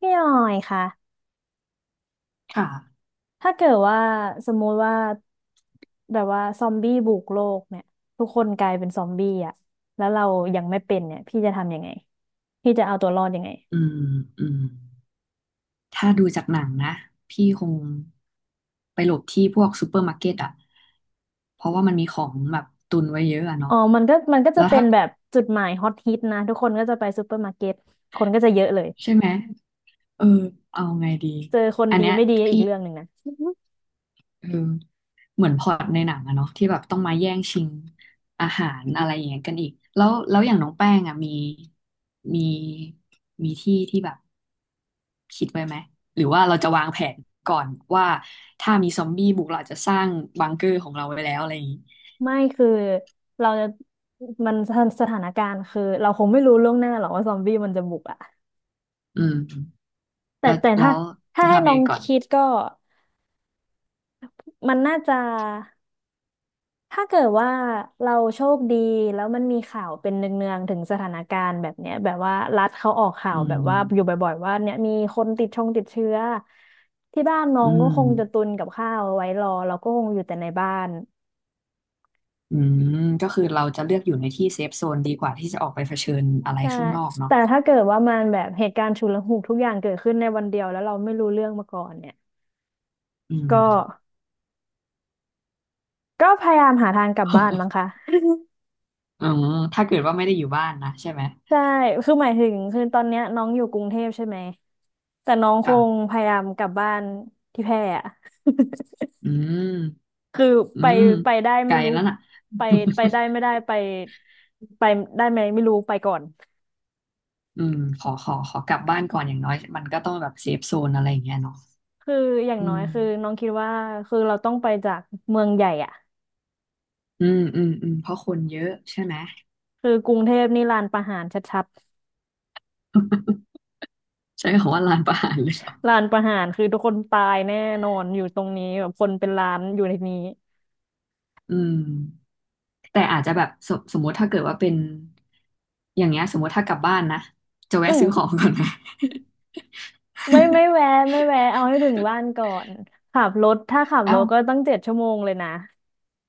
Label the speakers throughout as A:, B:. A: พี่หน่อยค่ะ
B: ค่ะ
A: ถ้าเกิดว่าสมมุติว่าแบบว่าซอมบี้บุกโลกเนี่ยทุกคนกลายเป็นซอมบี้อ่ะแล้วเรายังไม่เป็นเนี่ยพี่จะทำยังไงพี่จะเอาตัวรอดยังไง
B: อืมอืมถ้าดูจากหนังนะ พี่คงไปหลบที่พวกซูเปอร์มาร์เก็ตอ่ะเพราะว่ามันมีของแบบตุนไว้เยอะอะ
A: อ๋
B: เนาะ
A: อมันก็จะ
B: แล้ว
A: เป็น
B: ถ้า
A: แบบจุดหมายฮอตฮิตนะทุกคนก็จะไปซูเปอร์มาร์เก็ตคนก็จะเยอะเลย
B: ใช่ไหม เออ เอาไงดี
A: เจอคน
B: อัน
A: ดี
B: เนี้ย
A: ไม่ดีอี
B: พี่
A: กเรื่องหนึ่งนะ
B: เออเหมือนพล็อตในหนังอะเนาะที่แบบต้องมาแย่งชิงอาหารอะไรอย่างเงี้ยกันอีกแล้วอย่างน้องแป้งอะมีมีที่ที่แบบคิดไว้ไหมหรือว่าเราจะวางแผนก่อนว่าถ้ามีซอมบี้บุกเราอาจจะสร้างบังเกอร์ของเราไว้แล้วอะไรอย่างงี้
A: ไม่คือเราจะมันสถานการณ์คือเราคงไม่รู้ล่วงหน้าหรอกว่าซอมบี้มันจะบุกอ่ะ
B: อืม
A: แต่
B: แล้ว
A: แต่
B: แล้
A: ถ้า
B: วจะ
A: ให้
B: ทำยั
A: น้อ
B: งไง
A: ง
B: ก่อน
A: คิดก็มันน่าจะ ถ้าเกิดว่าเราโชคดีแล้วมันมีข่าวเป็นเนืองๆถึงสถานการณ์แบบเนี้ยแบบว่ารัฐเขาออกข่า
B: อื
A: วแบบว่าอยู่
B: ม
A: บ่อยๆว่าเนี่ยมีคนติดเชื้อที่บ้านน้อ
B: อื
A: งก็
B: ม
A: คงจะตุนกับข้าวเอาไว้รอเราก็คงอยู่แต่ในบ้าน
B: อืมก็คือเราจะเลือกอยู่ในที่เซฟโซนดีกว่าที่จะออกไปเผชิญอะไร
A: ใช่
B: ข้างนอกเนาะ
A: แต่ถ้าเกิดว่ามันแบบเหตุการณ์ฉุกละหุกทุกอย่างเกิดขึ้นในวันเดียวแล้วเราไม่รู้เรื่องมาก่อนเนี่ย
B: อื
A: ก็
B: ม
A: ก็พยายามหาทางกลับบ้านมั้งคะ
B: อ๋อถ้าเกิดว่าไม่ได้อยู่บ้านนะใช่ไหม
A: ใช่คือหมายถึงคือตอนเนี้ยน้องอยู่กรุงเทพใช่ไหมแต่น้องคง
B: ค่ะ
A: พยายามกลับบ้านที่แพร่อะ
B: อืม
A: คือ
B: อื
A: ไป
B: ม
A: ไปได้
B: ไก
A: ไม่
B: ล
A: รู้
B: แล้วน่ะ
A: ไปไป ได้ไม่ได้ไปไปได้ไหมไม่รู้ไปก่อน
B: อืมขอกลับบ้านก่อนอย่างน้อยมันก็ต้องแบบเซฟโซนอะไรอย่างเงี้ยเนาะ
A: คืออย่าง
B: อื
A: น้อย
B: ม
A: คือน้องคิดว่าคือเราต้องไปจากเมืองใหญ่อะ
B: อืมอืมเพราะคนเยอะใช่ไหม
A: คือกรุงเทพนี่ลานประหารชัด
B: ใช้คำว่าลานประหารเลยเหรอ
A: ๆลานประหารคือทุกคนตายแน่นอนอยู่ตรงนี้แบบคนเป็นล้านอยู่ในนี้
B: อืมแต่อาจจะแบบสมมติถ้าเกิดว่าเป็นอย่างเงี้ยสมมติถ้ากลับบ้านนะจะแวะ
A: อื
B: ซื้อขอ
A: ม
B: งก่อนนะ
A: ไม่แวะไม่แวะเอาให้ถึงบ้านก่อนขับรถถ้าขับ ร
B: เอ้า
A: ถก็ตั้ง7 ชั่วโมงเลยนะ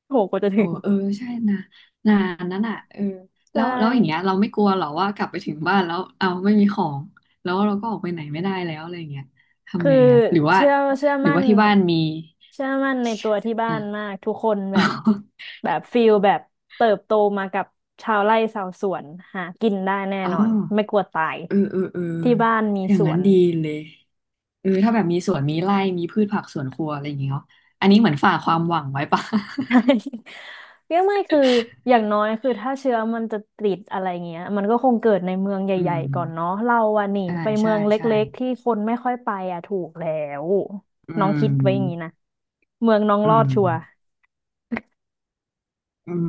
A: โหกว่าจะถึ
B: โอ้
A: ง
B: เออใช่นะนานนั้นอ่ะเออ
A: ใช
B: แล้วอย่างเงี้ย
A: ่
B: เราไม่กลัวหรอว่ากลับไปถึงบ้านแล้วเอาไม่มีของแล้วเราก็ออกไปไหนไม่ได้แล้วอะไรอย่างเงี้ย
A: คื
B: ทำ
A: อ
B: ไงอ่ะหรือว่า
A: เชื่อเชื่อ
B: หรือ
A: มั่น
B: ว่าที่บ้านมี
A: เชื่อมั่นในตัวที่บ้า
B: อ่ะ
A: นมากทุกคนแบบ แบบฟิลแบบเติบโตมากับชาวไร่ชาวสวนหากินได้แน่
B: อ๋อ
A: นอนไม่กลัวตาย
B: เออเออ
A: ที่บ้านมี
B: อย่า
A: ส
B: ง
A: ว
B: นั้น
A: น
B: ดีเลยเออถ้าแบบมีสวนมีไร่มีพืชผักสวนครัวอะไรอย่างเงี้ยเนาะอันนี้เหมือนฝากความหวังไว้ปะ
A: ใช่ เนี่ยไม่คืออย่างน้อยคือถ้าเชื้อมันจะติดอะไรเงี้ยมันก็คงเกิดในเมืองให
B: อื
A: ญ่ๆก่อน
B: ม
A: เนาะเราอะนี่
B: ใช่
A: ไปเมื
B: ใช่
A: องเล
B: ใช่
A: ็กๆที่คนไม่ค่อยไปอะถูกแล้ว
B: อื
A: น้องคิดไว้อย่างนี้
B: ม
A: นะเมืองน้อง
B: อื
A: รอด
B: ม
A: ชัวร์
B: อืม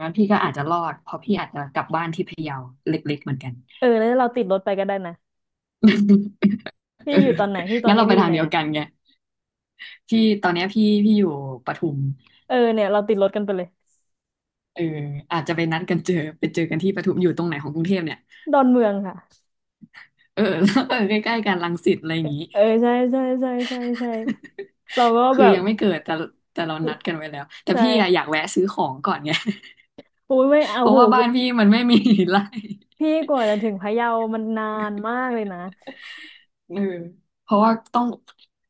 B: งั้นพี่ก็อาจจะรอดเพราะพี่อาจจะกลับบ้านที่พะเยาเล็กๆเหมือนกัน
A: เออแล้วเราติดรถไปก็ได้นะ พี่
B: เออ
A: อยู่ตอนไหนพี่ตอ
B: งั้
A: น
B: น
A: นี้
B: เราไป
A: พี่อยู่
B: ทาง
A: ไหน
B: เดียว
A: อะ
B: กันไงพี่ตอนเนี้ยพี่อยู่ปทุม
A: เออเนี่ยเราติดรถกันไปเลย
B: เอออาจจะไปนัดกันเจอไปเจอกันที่ปทุมอยู่ตรงไหนของกรุงเทพเนี่ย
A: ดอนเมืองค่ะ
B: เออ แล้วเออใกล้ๆกันรังสิตอะไรอย่างงี้
A: เออใช่เราก็
B: คื
A: แบ
B: อ
A: บ
B: ยังไม่เกิดแต่เรานัดกันไว้แล้วแต่
A: ใช่
B: พี่อะอยากแวะซื้อของก่อนไง
A: อุ้ยไม่ เอา
B: เพราะ
A: โห
B: ว่าบ้านพี่มันไม่มีไร่
A: พี่กว่าจะถึงพะเยามันนานมากเลยนะ
B: เออเพราะว่าต้อง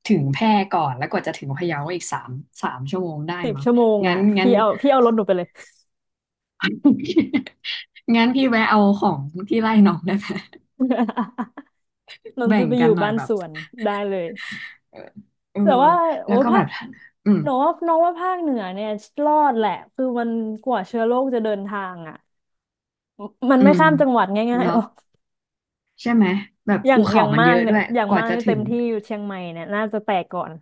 B: ถึงแพร่ก่อนแล้วกว่าจะถึงพะเยาก็อีกสามชั่วโมงได้
A: สิบ
B: มั้ง
A: ชั่วโมง
B: งั้
A: อ่ะ
B: นงั้น
A: พี่เอารถหนูไปเลย
B: โอเคงั้นพี่แวะเอาของที่ไล่น้องได้ไหม
A: นนท์
B: แบ่
A: จะ
B: ง
A: ไปอ
B: กั
A: ยู่
B: นหน่อย
A: บ้าน
B: แบ
A: ส
B: บ
A: วนได้เลย
B: เออเออ
A: แต่ว่าโอ้
B: แล้ว
A: ย
B: ก็
A: ภา
B: แบ
A: ค
B: บอืม
A: หนูว่าน้องว่าภาคเหนือเนี่ยรอดแหละคือมันกว่าเชื้อโรคจะเดินทางอ่ะมัน
B: อื
A: ไม่
B: ม
A: ข้ามจังหวัดง่ายๆหร
B: เนาะ
A: อก
B: ใช่ไหมแบบภูเขามันเยอะด้วย
A: อย่าง
B: ก
A: มา
B: ว่า
A: ก
B: จะ
A: เนี่ย
B: ถึ
A: เต็ม
B: ง
A: ที่อยู่เชียงใหม่เนี่ยน่าจะแตกก่อน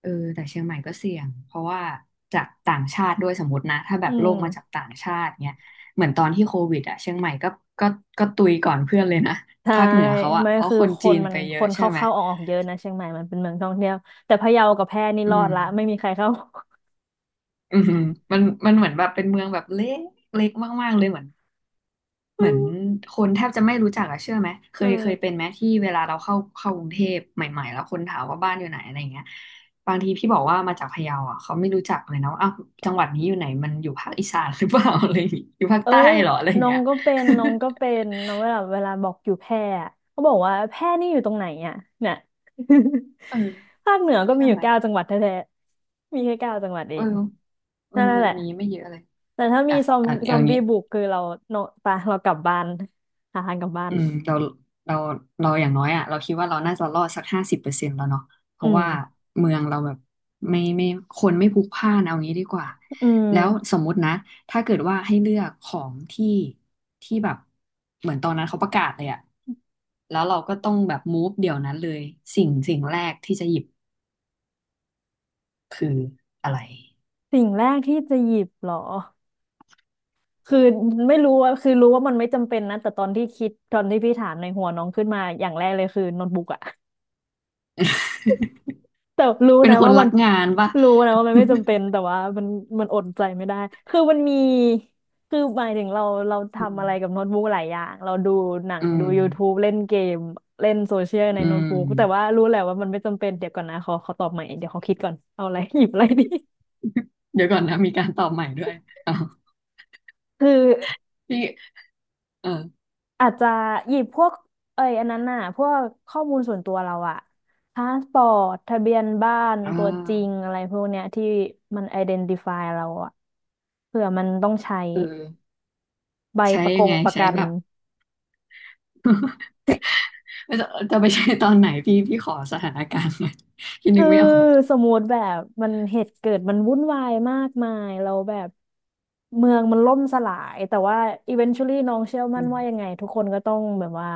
B: เออแต่เชียงใหม่ก็เสี่ยงเพราะว่าจากต่างชาติด้วยสมมตินะถ้าแบ
A: อื
B: บโลกมาจาก
A: ม
B: ต่างชาติเนี้ยเหมือนตอนที่โควิดอะเชียงใหม่ก็ก็ก็ตุยก่อนเพื่อนเลยนะ
A: ใช่
B: ภาคเหนือเขาอะ
A: ไม่
B: เพราะ
A: คือ
B: คน
A: ค
B: จี
A: น
B: น
A: มัน
B: ไปเย
A: ค
B: อะ
A: น
B: ใช่
A: เข้า
B: ไหม
A: เข้าออกเยอะนะเชียงใหม่มันเป็นเมืองท่องเที่ยวแต่พะเยากับแพร่นี่
B: อื
A: รอด
B: ม
A: ละไม่มีใครเข้า
B: อืมมันมันเหมือนแบบเป็นเมืองแบบเล็กมากๆเลยเหมือน เห
A: ไม่
B: มือน
A: รู้
B: คนแทบจะไม่รู้จักอะเชื่อไหมเค
A: เอ
B: ยเคยเป็น
A: อ
B: ไหมที่เวลาเราเข้ากรุงเทพใหม่ๆแล้วคนถามว่าบ้านอยู่ไหนอะไรเงี้ยบางทีพี่บอกว่ามาจากพะเยาอะเขาไม่รู้จักเลยนะว่าอ้าวจังหวัดนี้อยู่ไหนมันอยู่ภาคอีสานหรือเปล่า อะไรอย่างงี้อยู่ภาค
A: เอ้
B: ใต้
A: ย
B: เหรออะไรอย่เงี้ย
A: น้องเวลาบอกอยู่แพร่อะเขาบอกว่าแพร่นี่อยู่ตรงไหนอ่ะเนี่ย
B: เออ
A: ภาคเหนือก็
B: ใช่
A: มีอยู่
B: ไหม
A: เก้าจังหวัดแท้ๆมีแค่เก้าจังหวัดเอ
B: เออ
A: ง
B: มั
A: นั่
B: น
A: น
B: มั
A: แห
B: น
A: ละ
B: มีไม่เยอะเลย
A: แต่ถ้ามี
B: อ่ะอ่ะ
A: ซ
B: เอา
A: อม
B: งี้
A: บี้บุกคือเราโนปะเรากลับบ้านหาทางกลับบ้าน
B: อืมเราเราอย่างน้อยอ่ะเราคิดว่าเราน่าจะรอดสัก50%แล้วเนาะเพ
A: อื
B: ราะว่า
A: ม
B: เมืองเราแบบไม่คนไม่พลุกพล่านเอางี้ดีกว่า
A: อื
B: แล้วส
A: ม
B: มมุตินะถ้าเกิดว่าให้เลือกของที่ที่แบบเหมือนตอนนั้นเขาประกาศเลยอ่ะแล้วเราก็ต้องแบบมูฟเดี๋ยวนั้นเลยสิ่งแรกที่จะหยิบคืออะไร
A: สิ่งแรกที่จะหยิบเหรอคือไม่รู้ว่าคือรู้ว่ามันไม่จำเป็นนะแต่ตอนที่คิดตอนที่พี่ถามในหัวน้องขึ้นมาอย่างแรกเลยคือโน้ตบุ๊กอะ แต่รู้
B: เป็น
A: นะ
B: คน
A: ว่ามั
B: รั
A: น
B: กงานป่ะ
A: รู้นะว่ามันไม่จำเป็นแต่ว่ามันมันอดใจไม่ได้คือมันมีคือหมายถึงเราเรา
B: อื
A: ทำอะไรกับโน้ตบุ๊กหลายอย่างเราดูหนังดู
B: ม
A: YouTube เล่นเกมเล่นโซเชียล ใน
B: อื
A: โน้ต
B: ม
A: บุ๊ก
B: อืม
A: แต่ว่ารู้แหละว่ามันไม่จำเป็นเดี๋ยวก่อนนะขอตอบใหม่เดี๋ยวขอคิดก่อนเอาอะไร หยิบอะไรดี
B: เดี๋ยวก่อนนะมีการตอบใหม่ด้วยอ้าว
A: คือ
B: พี่ เออ
A: อาจจะหยิบพวกเอ้ยอันนั้นน่ะพวกข้อมูลส่วนตัวเราอะพาสปอร์ตทะเบียนบ้าน
B: อ่
A: ตัวจริง
B: า
A: อะไรพวกเนี้ยที่มัน identify เดนติฟายเราอะเผื่อมันต้องใช้
B: เออ
A: ใบ
B: ใช้ยังไง
A: ประ
B: ใช้
A: กัน
B: แบบ จะจะไปใช้ตอนไหนพี่พี่ขอสถานการณ์หน่อย พี่นึ
A: คือ
B: กไม่ออก
A: สมมติแบบมันเหตุเกิดมันวุ่นวายมากมายเราแบบเมืองมันล่มสลายแต่ว่า eventually นชวลลี่น้องเชื่อ
B: อื
A: มั่น
B: ม
A: ว่ายังไงทุกคนก็ต้องแบบว่า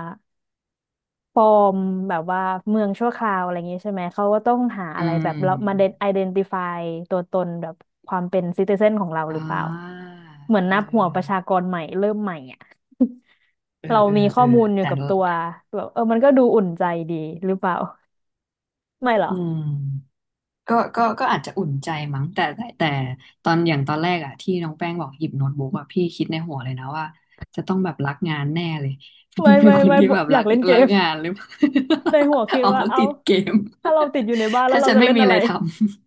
A: ปลอมแบบว่าเมืองชั่วคราวอะไรอย่างงี้ใช่ไหมเขาก็ต้องหา
B: อื
A: อะไรแบบเรามาเด
B: ม
A: นไอเดนติฟายตัวตนแบบความเป็นซิติเซนของเราห
B: อ่
A: รือเปล่า
B: า
A: เหมือน
B: เอ
A: นับหัวประชา
B: อ
A: กรใหม่เริ่มใหม่อ่ะ
B: เอ อ
A: เรา
B: เออ
A: มีข้
B: เอ
A: อ
B: อ
A: มูลอยู่
B: แต่
A: กับตัวแบบเออมันก็ดูอุ่นใจดีหรือเปล่าไม่เหรอ
B: อืม ก็อาจจะอุ่นใจมั้งแต่ตอนอย่างตอนแรกอะที่น้องแป้งบอกหยิบโน้ตบุ๊กอะพี่คิดในหัวเลยนะว่าจะต้องแบบรักงานแน่เลย
A: ไม่
B: เป็น
A: ไม่
B: คน
A: ไม่
B: ที่
A: บอก
B: แบบ
A: อ
B: รั
A: ยาก
B: ก
A: เล่นเก
B: รัก
A: ม
B: งานหรือเปล่า
A: ในหัวคิ ด
B: อ๋อ
A: ว่าเอ้า
B: ติดเกม
A: ถ้าเราติดอยู่ในบ้าน แล้ว
B: ถ้า
A: เรา
B: ฉัน
A: จะ
B: ไม่
A: เล่น
B: มี
A: อะ
B: อะ
A: ไร
B: ไรทำ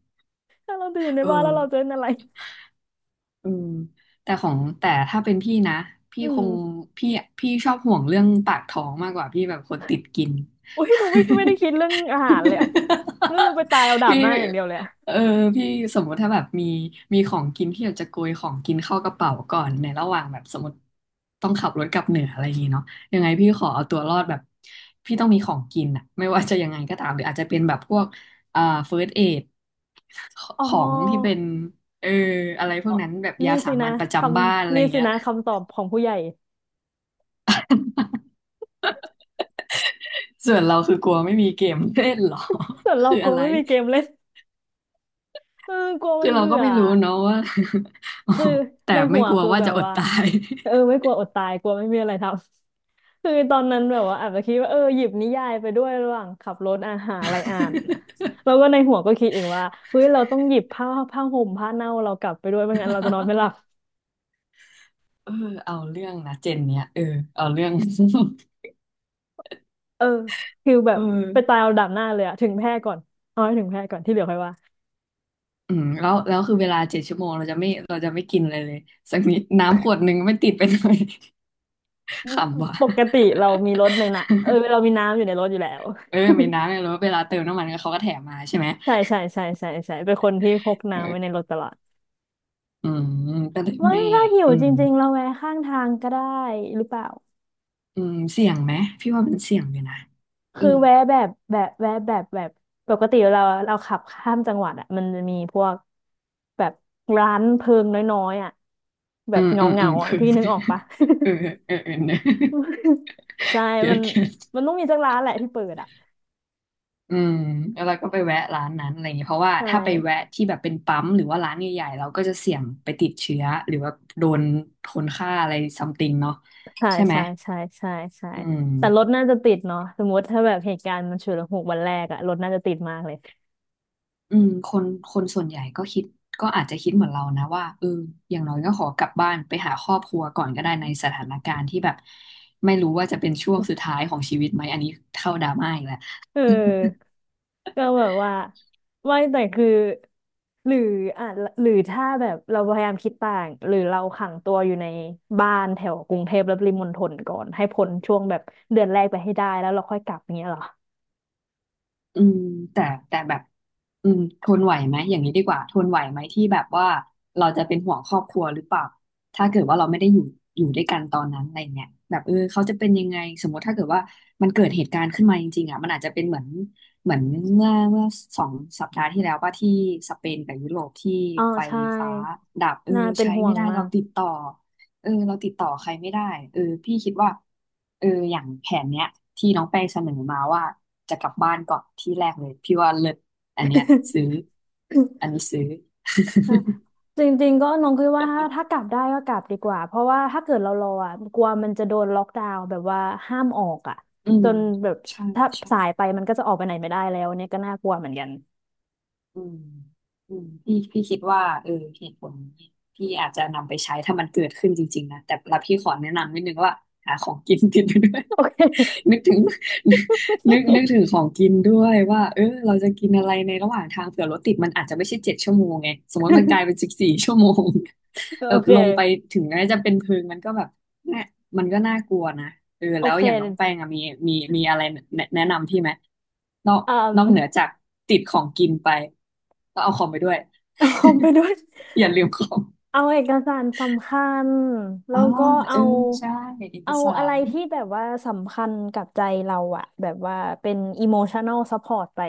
A: ถ้าเราติดอยู่ใน
B: เอ
A: บ้านแล้วเราจะ
B: อ
A: เล่นอะไร
B: เออแต่ของแต่ถ้าเป็นพี่นะพี่
A: อื
B: ค
A: ม
B: งพี่ชอบห่วงเรื่องปากท้องมากกว่าพี่แบบคนติดกิน
A: อุ้ยหนูไม่ได้คิดเรื่องอาหารเลยอะรู้สึกไปตายเอา ดาบ
B: พี่
A: หน้าอย่างเดียวเลยอะ
B: เออพี่สมมุติถ้าแบบมีของกินที่อยากจะโกยของกินเข้ากระเป๋าก่อนในระหว่างแบบสมมติต้องขับรถกลับเหนืออะไรอย่างงี้เนาะยังไงพี่ขอเอาตัวรอดแบบพี่ต้องมีของกินอะไม่ว่าจะยังไงก็ตามหรืออาจจะเป็นแบบพวกเฟิร์สเอด
A: อ๋อ
B: ของที่เป็นเอออะไรพ
A: อ๋
B: ว
A: อ
B: กนั้นแบบ
A: นี่
B: ยาสา
A: สิ
B: มั
A: นะ
B: ญประ
A: ค
B: จำบ้านอะ
A: ำ
B: ไร
A: นี่สิ
B: เงี้ย
A: นะคำตอบของผู้ใหญ่
B: ส่วนเราคือกลัวไม่มีเกมเล่นเหรอ
A: ส่วน เรา
B: คือ
A: กลั
B: อะ
A: ว
B: ไร
A: ไม่มีเกมเล่นเออกลัวมั
B: คือ
A: น
B: เรา
A: เบื่
B: ก็
A: อ
B: ไม่รู้เนาะว่า
A: คือ
B: แต่
A: ในหั
B: ไม่
A: ว
B: กลัว
A: คือ
B: ว่า
A: แบ
B: จะ
A: บ
B: อด
A: ว่า
B: ตาย
A: เออไม่กลัวอดตายกลัวไม่มีอะไรทำ คือตอนนั้นแบบว่าอาจจะคิดว่าเออหยิบนิยายไปด้วยระหว่างขับรถอาหารอะไรอ่านแล้วก็ในหัวก็คิดเองว่าเฮ้ยเราต้องหยิบผ้าห่มผ้าเน่าเรากลับไปด้วยไม่งั้นเราจะนอนไม่หลับ
B: เออเอาเรื่องนะเจนเนี่ยเอาเรื่อง
A: เออคือแบ
B: เอ
A: บไป
B: อ
A: ตายเอาดับหน้าเลยอะถึงแพร่ก่อนเอาให้ถึงแพร่ก่อนที่เหลือค่อยว่า
B: อืมแล้วคือเวลาเจ็ดชั่วโมงเราจะไม่กินอะไรเลยสักนิดน้ำขวดหนึ่งไม่ติดไปหน่อย ขำว่ะ
A: ปกติเรามีรถในน่ะเออเรามีน้ำอยู่ในรถอยู่แล้ว
B: เออมีน้ำเนี่ย แล้วเวลาเติมน้ำมันเขาก็แถมมาใช่ไหม
A: ใช่ใช่ใช่ใช่ใช่เป็นคนที่พก
B: เอ
A: น้ำไว้ใน
B: อ
A: รถตลอด
B: อืมก็เลย
A: ว่า
B: ไม่
A: ถ้าหิว
B: อื
A: จ
B: ม
A: ริงๆเราแวะข้างทางก็ได้หรือเปล่า
B: อืมเสี่ยงไหมพี่ว่ามันเสี่ยงอยู่นะเออ
A: คือแวะแบบแบบแวะแบบแบบปกติเราขับข้ามจังหวัดอ่ะมันจะมีพวกแบบร้านเพิงน้อยๆอ่ะแบ
B: อื
A: บ
B: ม
A: เงา
B: อืมอื
A: เงา
B: ม
A: อ่ะ
B: คือ
A: พี่นึกออกปะ
B: เออเออเออเออะ
A: ใช่
B: เกลีย
A: มั
B: ด
A: น
B: เกลียด
A: มันต้องมีสักร้านแหละที่เปิดอ่ะ
B: อืมแล้วเราก็ไปแวะร้านนั้นอะไรอย่างเงี้ยเพราะว่า
A: ใช่
B: ถ้าไปแวะที่แบบเป็นปั๊มหรือว่าร้านใหญ่ๆเราก็จะเสี่ยงไปติดเชื้อหรือว่าโดนคนฆ่าอะไรซัมติงเนาะ
A: ใช่
B: ใช่ไหม
A: ใช่ใช่ใช่ใช่
B: อืม
A: แต่รถน่าจะติดเนาะสมมติถ้าแบบเหตุการณ์มันฉุกละหุกวันแรกอะรถน่าจะติดมากเลย
B: อืมคนส่วนใหญ่ก็คิดก็อาจจะคิดเหมือนเรานะว่าเอออย่างน้อยก็ขอกลับบ้านไปหาครอบครัวก่อนก็ได้ในสถานการณ์ที่แบบไม่รู้ว่าจะเป็นช่วงสุดท้ายของชีวิตไหมอันนี้เข้าดราม่าอีกแล้ว
A: เออ ก็แบบว่าไม่แต่คือหรืออ่ะหรือถ้าแบบเราพยายามคิดต่างหรือเราขังตัวอยู่ในบ้านแถวกรุงเทพและปริมณฑลก่อนให้พ้นช่วงแบบเดือนแรกไปให้ได้แล้วเราค่อยกลับอย่างเงี้ยเหรอ
B: อืมแต่แต่แบบอืมทนไหวไหมอย่างนี้ดีกว่าทนไหวไหมที่แบบว่าเราจะเป็นห่วงครอบครัวหรือเปล่าถ้าเกิดว่าเราไม่ได้อยู่ด้วยกันตอนนั้นอะไรเงี้ยแบบเออเขาจะเป็นยังไงสมมติถ้าเกิดว่ามันเกิดเหตุการณ์ขึ้นมาจริงๆอ่ะมันอาจจะเป็นเหมือนเหมือนเมื่อ2 สัปดาห์ที่แล้วว่าที่สเปนกับยุโรปที่
A: อ๋อ
B: ไฟ
A: ใช่
B: ฟ้าดับเออ
A: น่าเป็น
B: ใช้
A: ห่ว
B: ไม่
A: ง
B: ได้
A: มา
B: เรา
A: ก
B: ติดต่อ เออเราติดต่อใครไม่ได้เออพี่คิดว่าเอออย่างแผนเนี้ยที่น้องแป้งเสนอมาว่าจะกลับบ้านก่อนที่แรกเลยพี่ว่าเลิศอันเนี้ยซื้ออันนี้ ซื้อ
A: นะ จริงๆก็น้องคิดว่าถ้ากลับได้ก็กลับดีกว่าเพราะว่าถ้าเกิดเรารออ่ะกลัวมันจะโดนล็อกดาวน์แบบว่าห้ามออกอ่ะ
B: อื
A: จ
B: ม
A: นแบบ
B: ใช่
A: ถ้าสาย
B: ใช่
A: ไปมันก็จะออกไปไหนไม่ได้แล้วเนี่ยก็น่ากลัวเหมือนกัน
B: อืมอืมพี่คิดว่าเออเหตุผลนี้พี่อาจจะนำไปใช้ถ้ามันเกิดขึ้นจริงๆนะแต่ละพี่ขอแนะนำนิดนึงว่าหาของกิน ติดไปด้วย
A: โอเค
B: นึกถึงนึกถึงของกินด้วยว่าเออเราจะกินอะไรในระหว่างทางเผื่อรถติดมันอาจจะไม่ใช่เจ็ดชั่วโมงไงสมมติมันกลายเป็น14 ชั่วโมง แบ
A: โอ
B: บ
A: เค
B: ลงไปถึงแม้จะเป็นเพิงมันก็แบบแน่มันก็น่ากลัวนะเออ
A: โอ
B: แล้ว
A: เค
B: อย่างน้องแป้งอะมีอะไรแนะนำพี่ไหมนอก
A: อืม
B: นอกเหนือ จากติดของกินไปก็เอาของไปด้วย
A: เอาคอมไปด้วย
B: อย่าลืมของ
A: เอาเอกสารสำคัญ แล้
B: อ๋อ
A: วก็
B: เอ
A: เอา
B: อใช่เอก
A: เอา
B: สา
A: อะไร
B: ร
A: ที่แบบว่าสำคัญกับใจเราอะแบบว่าเป็น emotional support ไป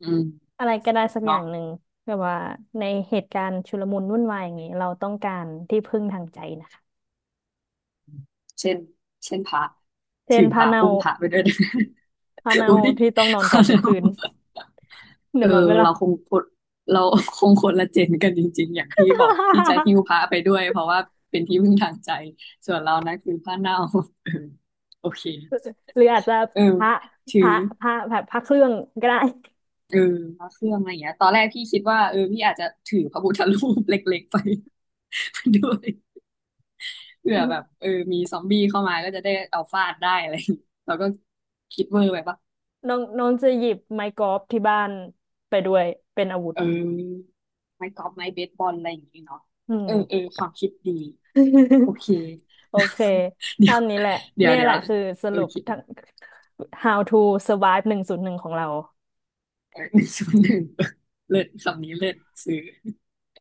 B: อืม
A: อะไรก็ได้สักอย่า
B: เนาะ
A: งหนึ่ง แบบว่าในเหตุการณ์ชุลมุนวุ่นวายอย่างนี้เราต้องการที่พึ่งทางใจนะคะ
B: เช่นเช่นพระ
A: เช่
B: ถื
A: น
B: อพ
A: พา
B: ระ
A: เนา
B: อุ้มพระไปด้วยนะ
A: พาเนา
B: อุ้ย
A: ที่ต้องนอ
B: พ
A: นก
B: อ
A: อดทุก
B: เรา
A: คืน
B: เอ
A: เดี๋ย
B: อ
A: วนอนไม่หลั
B: เรา
A: บ
B: คงคนเราคงคนละเจนกันจริงๆ อย่างพี่บอกพี่จะ หิ้วพระไปด้วยเพราะว่าเป็นที่พึ่งทางใจส่วนเรานั้นคือผ้าเน่า เออโอเค
A: หรืออาจจะ
B: เออ
A: พระ
B: ถื
A: พระ
B: อ
A: พระแบบพระเครื่องก็ได้
B: เออพระเครื่องอะไรอย่างเงี้ยตอนแรกพี่คิดว่าเออพี่อาจจะถือพระพุทธรูปเล็กๆไป ไปด้วยเผื่อแบบเออมีซอมบี้เข้ามาก็จะได้เอาฟาดได้อะไรอย่างงี้เราก็คิดเวอร์ไปปะ
A: น้องน้องจะหยิบไม้กอล์ฟที่บ้านไปด้วยเป็นอาวุธ
B: เออไม้กอล์ฟไม้เบสบอลอะไรอย่างนี้เนาะ
A: อืม
B: เออเออความคิดดีโอ เค
A: โอเค
B: เดี๋ย
A: เท่า
B: ว
A: นี้แหละ
B: เดี๋ย
A: เนี่
B: ว
A: ย
B: เดี๋
A: แห
B: ยว
A: ละคือส
B: โอ
A: รุป
B: เค
A: ทั้ง How to survive 101ของเรา
B: เออ101 เลิศคำนี้เลิศซื้อ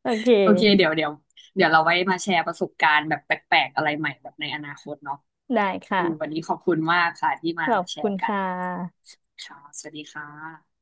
A: โอเ
B: โอเค
A: ค
B: เดี๋ยวเราไว้มาแชร์ประสบการณ์แบบแปลกๆอะไรใหม่แบบในอนาคตเนาะ
A: ได้
B: อือวัน
A: ค่ะ
B: นี้ขอบคุณมากค่ะที่มา
A: ขอบ
B: แช
A: คุณ
B: ร์กัน
A: ค่ะ
B: ค่ะสวัสดีค่ะ